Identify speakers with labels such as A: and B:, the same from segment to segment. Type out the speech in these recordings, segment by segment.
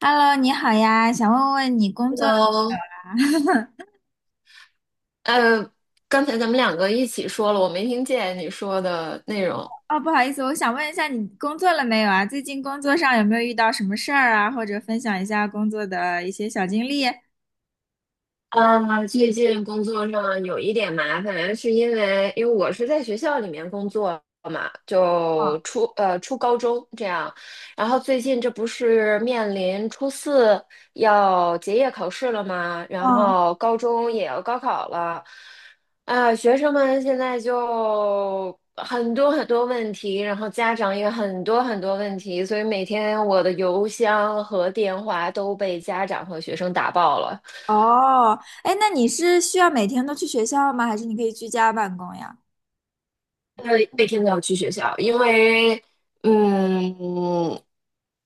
A: Hello，你好呀，想问问你工作了
B: Hello，呃，刚才咱们两个一起说了，我没听见你说的内容。
A: 哦，不好意思，我想问一下你工作了没有啊？最近工作上有没有遇到什么事儿啊？或者分享一下工作的一些小经历？
B: 最近工作上有一点麻烦，是因为我是在学校里面工作嘛，就初高中这样，然后最近这不是面临初四要结业考试了吗？然
A: 嗯，
B: 后高中也要高考了，学生们现在就很多很多问题，然后家长也很多很多问题，所以每天我的邮箱和电话都被家长和学生打爆了。
A: 哦，哎，那你是需要每天都去学校吗？还是你可以居家办公呀？
B: 每天都要去学校，因为嗯，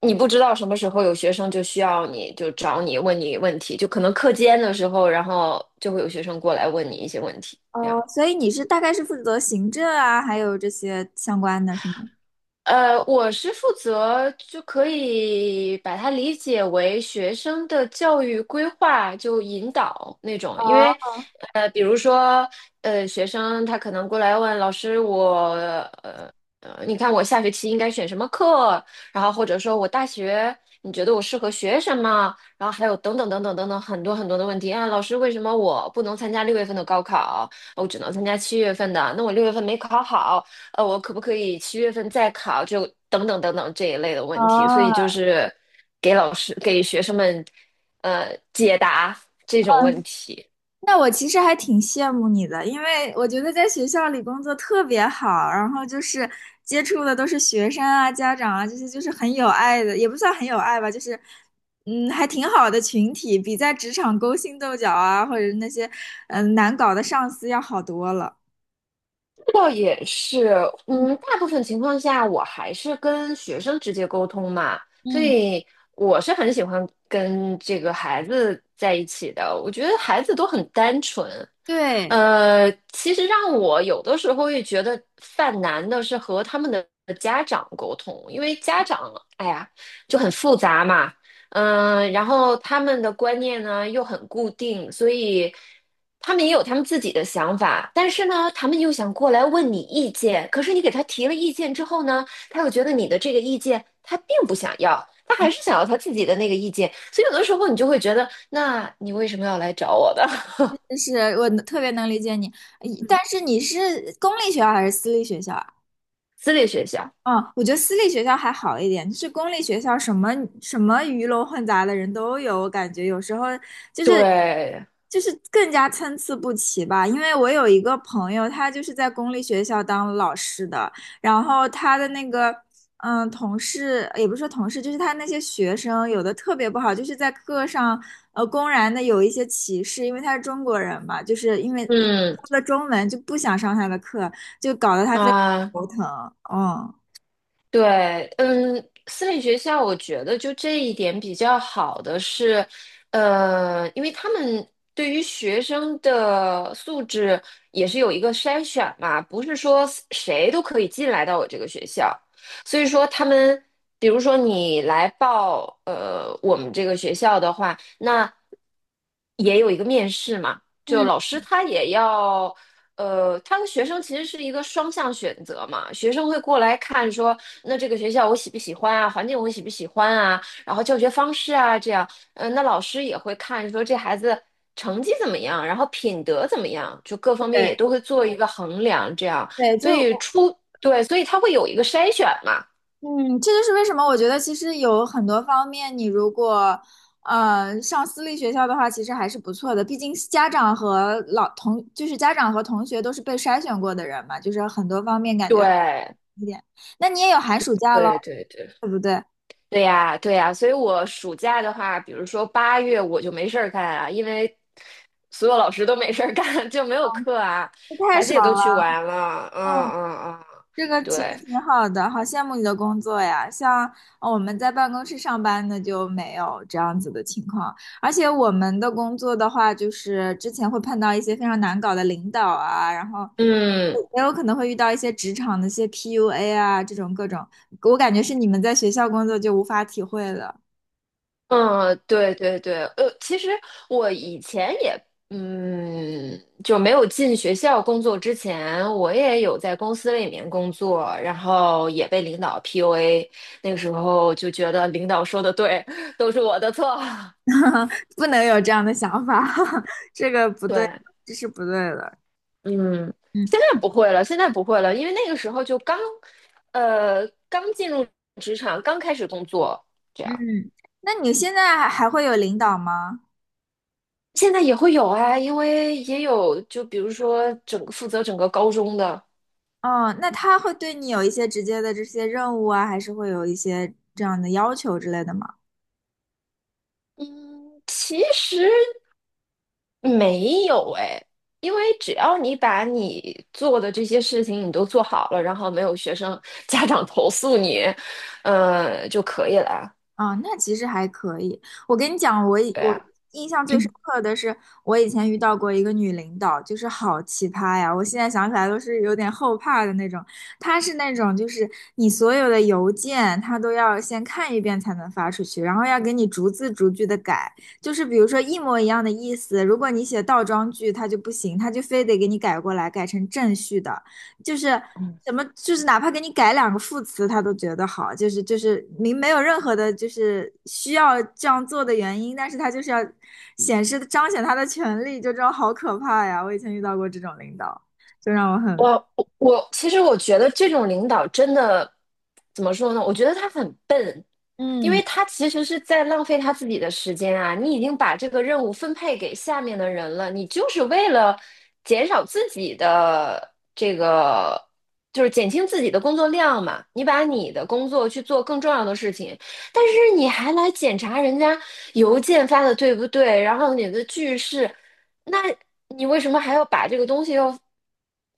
B: 你不知道什么时候有学生就需要你，就找你问你问题，就可能课间的时候，然后就会有学生过来问你一些问题，这
A: 哦，
B: 样。
A: 所以你是大概是负责行政啊，还有这些相关的是吗？
B: 我是负责就可以把它理解为学生的教育规划，就引导那种。因为，
A: 哦
B: 比如说，学生他可能过来问老师我，呃你看我下学期应该选什么课？然后或者说我大学你觉得我适合学什么？然后还有等等等等等等很多很多的问题啊，老师为什么我不能参加六月份的高考，我只能参加七月份的？那我六月份没考好。我可不可以七月份再考，就等等等等这一类的
A: 哦，
B: 问题。所以就是给老师给学生们解答这种问题。
A: 那我其实还挺羡慕你的，因为我觉得在学校里工作特别好，然后接触的都是学生啊、家长啊这些，就是很有爱的，也不算很有爱吧，还挺好的群体，比在职场勾心斗角啊，或者是那些难搞的上司要好多了。
B: 倒也是，
A: 嗯
B: 嗯，大部分情况下我还是跟学生直接沟通嘛，所
A: 嗯，
B: 以我是很喜欢跟这个孩子在一起的。我觉得孩子都很单纯，
A: 对，
B: 其实让我有的时候也觉得犯难的是和他们的家长沟通，因为家长，哎呀，就很复杂嘛，嗯、然后他们的观念呢又很固定，所以他们也有他们自己的想法，但是呢，他们又想过来问你意见，可是你给他提了意见之后呢，他又觉得你的这个意见他并不想要，他还是想要他自己的那个意见，所以有的时候你就会觉得，那你为什么要来找我的
A: 就是我特别能理解你，
B: 嗯，
A: 但是你是公立学校还是私立学校啊？
B: 私立学校？
A: 嗯，我觉得私立学校还好一点，就是公立学校什么鱼龙混杂的人都有，我感觉有时候就是
B: 对，
A: 更加参差不齐吧。因为我有一个朋友，他就是在公立学校当老师的，然后他的那个同事也不是说同事，就是他那些学生有的特别不好，就是在课上公然的有一些歧视，因为他是中国人嘛，就是因为
B: 嗯
A: 他的中文就不想上他的课，就搞得他非常
B: 啊，
A: 头疼，嗯。
B: 对，嗯，私立学校我觉得就这一点比较好的是，因为他们对于学生的素质也是有一个筛选嘛，不是说谁都可以进来到我这个学校，所以说他们，比如说你来报我们这个学校的话，那也有一个面试嘛。就
A: 嗯，
B: 老师他也要，他和学生其实是一个双向选择嘛。学生会过来看说，那这个学校我喜不喜欢啊，环境我喜不喜欢啊，然后教学方式啊，这样，嗯、那老师也会看说这孩子成绩怎么样，然后品德怎么样，就各方面也都
A: 对
B: 会做一个衡量，这样，
A: 对，
B: 所
A: 就
B: 以
A: 我
B: 出，对，所以他会有一个筛选嘛，
A: 嗯，这就是为什么我觉得其实有很多方面，你如果上私立学校的话，其实还是不错的。毕竟家长和老同，就是家长和同学都是被筛选过的人嘛，就是很多方面感觉好
B: 对，
A: 一点。那你也有寒暑假喽，
B: 对对对。
A: 对不对？
B: 对呀，对呀，所以我暑假的话，比如说八月我就没事儿干啊，因为所有老师都没事儿干，就没有课啊，
A: 这太
B: 孩子也
A: 爽
B: 都去
A: 了。
B: 玩了，嗯嗯嗯，
A: 这个其实
B: 对，
A: 挺好的，好羡慕你的工作呀！像我们在办公室上班的就没有这样子的情况，而且我们的工作的话，就是之前会碰到一些非常难搞的领导啊，然后
B: 嗯
A: 也有可能会遇到一些职场的一些 PUA 啊，这种各种，我感觉是你们在学校工作就无法体会了，
B: 嗯，对对对，其实我以前也，嗯，就没有进学校工作之前，我也有在公司里面工作，然后也被领导 PUA,那个时候就觉得领导说的对，都是我的错，
A: 不能有这样的想法，这个不
B: 对。
A: 对，这是不对的。
B: 嗯，
A: 嗯
B: 现在不会了，现在不会了，因为那个时候就刚，刚进入职场，刚开始工作，这样。
A: 嗯，那你现在还会有领导吗？
B: 现在也会有啊，因为也有，就比如说整个负责整个高中的，
A: 哦，那他会对你有一些直接的这些任务啊，还是会有一些这样的要求之类的吗？
B: 嗯，其实没有哎，因为只要你把你做的这些事情你都做好了，然后没有学生 家长投诉你，就可以了。
A: 啊、那其实还可以。我跟你讲，我以
B: 对
A: 我
B: 啊，
A: 印象最深刻的是，我以前遇到过一个女领导，就是好奇葩呀！我现在想起来都是有点后怕的那种。她是那种，就是你所有的邮件，她都要先看一遍才能发出去，然后要给你逐字逐句的改。就是比如说一模一样的意思，如果你写倒装句，她就不行，她就非得给你改过来，改成正序的。就是 怎么，就是哪怕给你改两个副词，他都觉得好，就是明没有任何的，就是需要这样做的原因，但是他就是要显示彰显他的权利，就这种好可怕呀！我以前遇到过这种领导，就让我
B: 我
A: 很，
B: 我我，其实我觉得这种领导真的怎么说呢？我觉得他很笨，因为
A: 嗯，
B: 他其实是在浪费他自己的时间啊。你已经把这个任务分配给下面的人了，你就是为了减少自己的这个，就是减轻自己的工作量嘛。你把你的工作去做更重要的事情，但是你还来检查人家邮件发的对不对，然后你的句式。那你为什么还要把这个东西要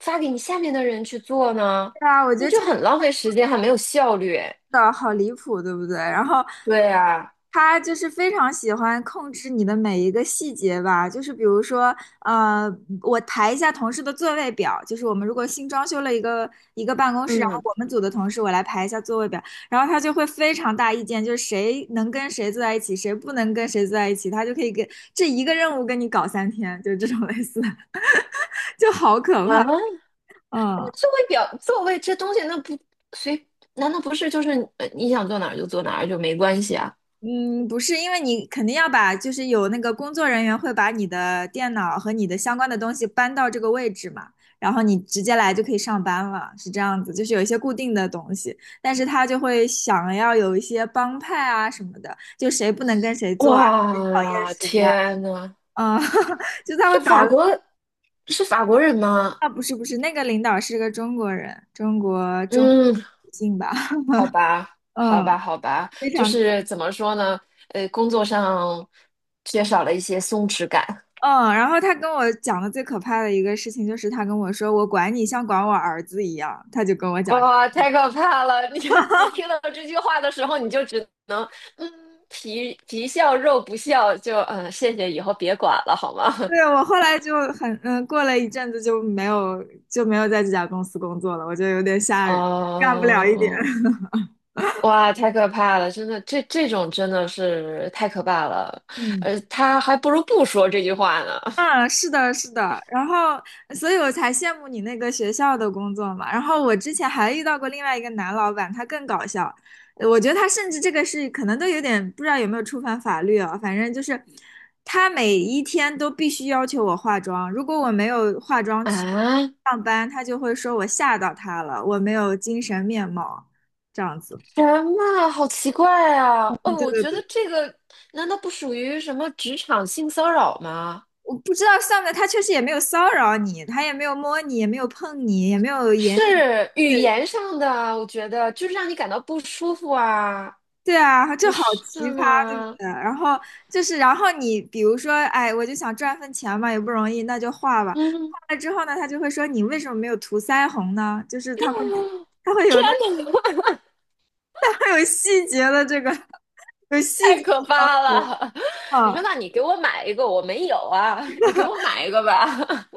B: 发给你下面的人去做呢？
A: 对啊，我觉
B: 那
A: 得
B: 就
A: 这个
B: 很浪费时间，还没有效率。
A: 的好离谱，对不对？然后
B: 对啊，
A: 他就是非常喜欢控制你的每一个细节吧，就是比如说，呃，我排一下同事的座位表，就是我们如果新装修了一个办公室，然后
B: 嗯
A: 我们组的同事我来排一下座位表，然后他就会非常大意见，就是谁能跟谁坐在一起，谁不能跟谁坐在一起，他就可以给这一个任务跟你搞三天，就是这种类似的，就好可
B: 啊，
A: 怕，嗯。
B: 座位表座位这东西，那不随，难道不是就是你想坐哪儿就坐哪儿就没关系啊？
A: 嗯，不是，因为你肯定要把，就是有那个工作人员会把你的电脑和你的相关的东西搬到这个位置嘛，然后你直接来就可以上班了，是这样子，就是有一些固定的东西，但是他就会想要有一些帮派啊什么的，就谁不能跟谁做啊，谁讨厌
B: 哇，
A: 谁啊，
B: 天呐，
A: 啊，嗯 就他
B: 是
A: 会搞
B: 法
A: 得
B: 国是法国人吗？
A: 啊，不是不是，那个领导是个中国人，中国
B: 嗯，
A: 女性吧，
B: 好吧，好吧，
A: 嗯，
B: 好吧，
A: 非
B: 就
A: 常。
B: 是怎么说呢？工作上缺少了一些松弛感。
A: 嗯，然后他跟我讲的最可怕的一个事情就是他跟我说我管你像管我儿子一样，他就跟我讲这
B: 哇，太可怕了！你 你听到这句话的时候，你就只能嗯，皮皮笑肉不笑，就嗯，谢谢，以后别管了，好吗？
A: 对，我后来就很嗯，过了一阵子就没有在这家公司工作了，我觉得有点 吓人，干不了一点。
B: 哦，哇，太可怕了！真的，这种真的是太可怕了。
A: 嗯。
B: 他还不如不说这句话呢。
A: 嗯，是的，是的，然后，所以我才羡慕你那个学校的工作嘛。然后我之前还遇到过另外一个男老板，他更搞笑。我觉得他甚至这个是可能都有点不知道有没有触犯法律啊。反正就是他每一天都必须要求我化妆，如果我没有化妆去
B: 啊，
A: 上班，他就会说我吓到他了，我没有精神面貌，这样子。
B: 什么？好奇怪啊！
A: 对
B: 哦，我
A: 对
B: 觉得
A: 对，
B: 这个难道不属于什么职场性骚扰吗？
A: 我不知道算不算，他确实也没有骚扰你，他也没有摸你，也没有碰你，也没有言
B: 是
A: 语。
B: 语言上的啊，我觉得就是让你感到不舒服啊，
A: 对啊，这
B: 不
A: 好奇
B: 是
A: 葩，对不
B: 吗？
A: 对？然后就是，然后你比如说，哎，我就想赚份钱嘛，也不容易，那就画吧。
B: 嗯，
A: 画了之后呢，他就会说你为什么没有涂腮红呢？就是他会，他会
B: 天
A: 有那，
B: 哪，
A: 他会有细节的这个，有细
B: 太
A: 节
B: 可怕
A: 的
B: 了！你说，
A: 啊。
B: 那你给我买一个，我没有啊，你给我买一个吧。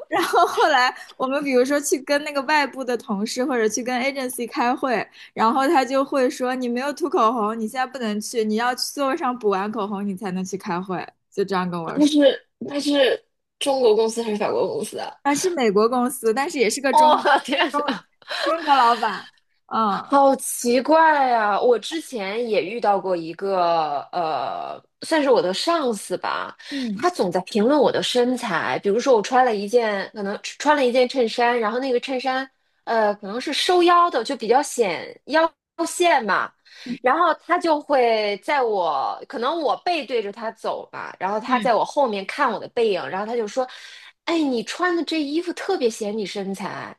A: 然后后来我们比如说去跟那个外部的同事或者去跟 agency 开会，然后他就会说你没有涂口红，你现在不能去，你要去座位上补完口红，你才能去开会。就这样跟 我
B: 它
A: 说。
B: 是它是中国公司还是法国公司啊？
A: 啊，是美国公司，但是也是个中
B: 哦，天
A: 中
B: 哪！
A: 中国老板。嗯，
B: 好奇怪呀！我之前也遇到过一个，算是我的上司吧，
A: 嗯
B: 他总在评论我的身材。比如说，我穿了一件，可能穿了一件衬衫，然后那个衬衫，可能是收腰的，就比较显腰线嘛。
A: 嗯
B: 然后他就会在我，可能我背对着他走吧，然后他
A: 嗯，
B: 在我后面看我的背影，然后他就说："哎，你穿的这衣服特别显你身材。"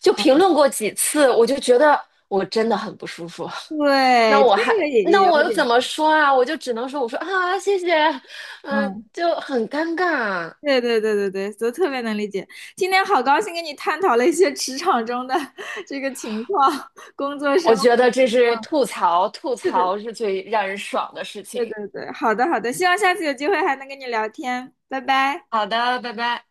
B: 就评论过几次，我就觉得我真的很不舒服。那
A: 对，这
B: 我还，
A: 个也
B: 那
A: 也有
B: 我又
A: 点，
B: 怎么说啊？我就只能说，我说啊，谢谢，嗯、
A: 嗯，
B: 就很尴尬啊。
A: 对对对对对，都特别能理解。今天好高兴跟你探讨了一些职场中的 这个情况，工作
B: 我
A: 生
B: 觉
A: 活。
B: 得这是吐槽，吐
A: 对
B: 槽
A: 对
B: 是最让人爽的事
A: 对
B: 情。
A: 对对，好的好的，希望下次有机会还能跟你聊天，拜拜。
B: 好的，拜拜。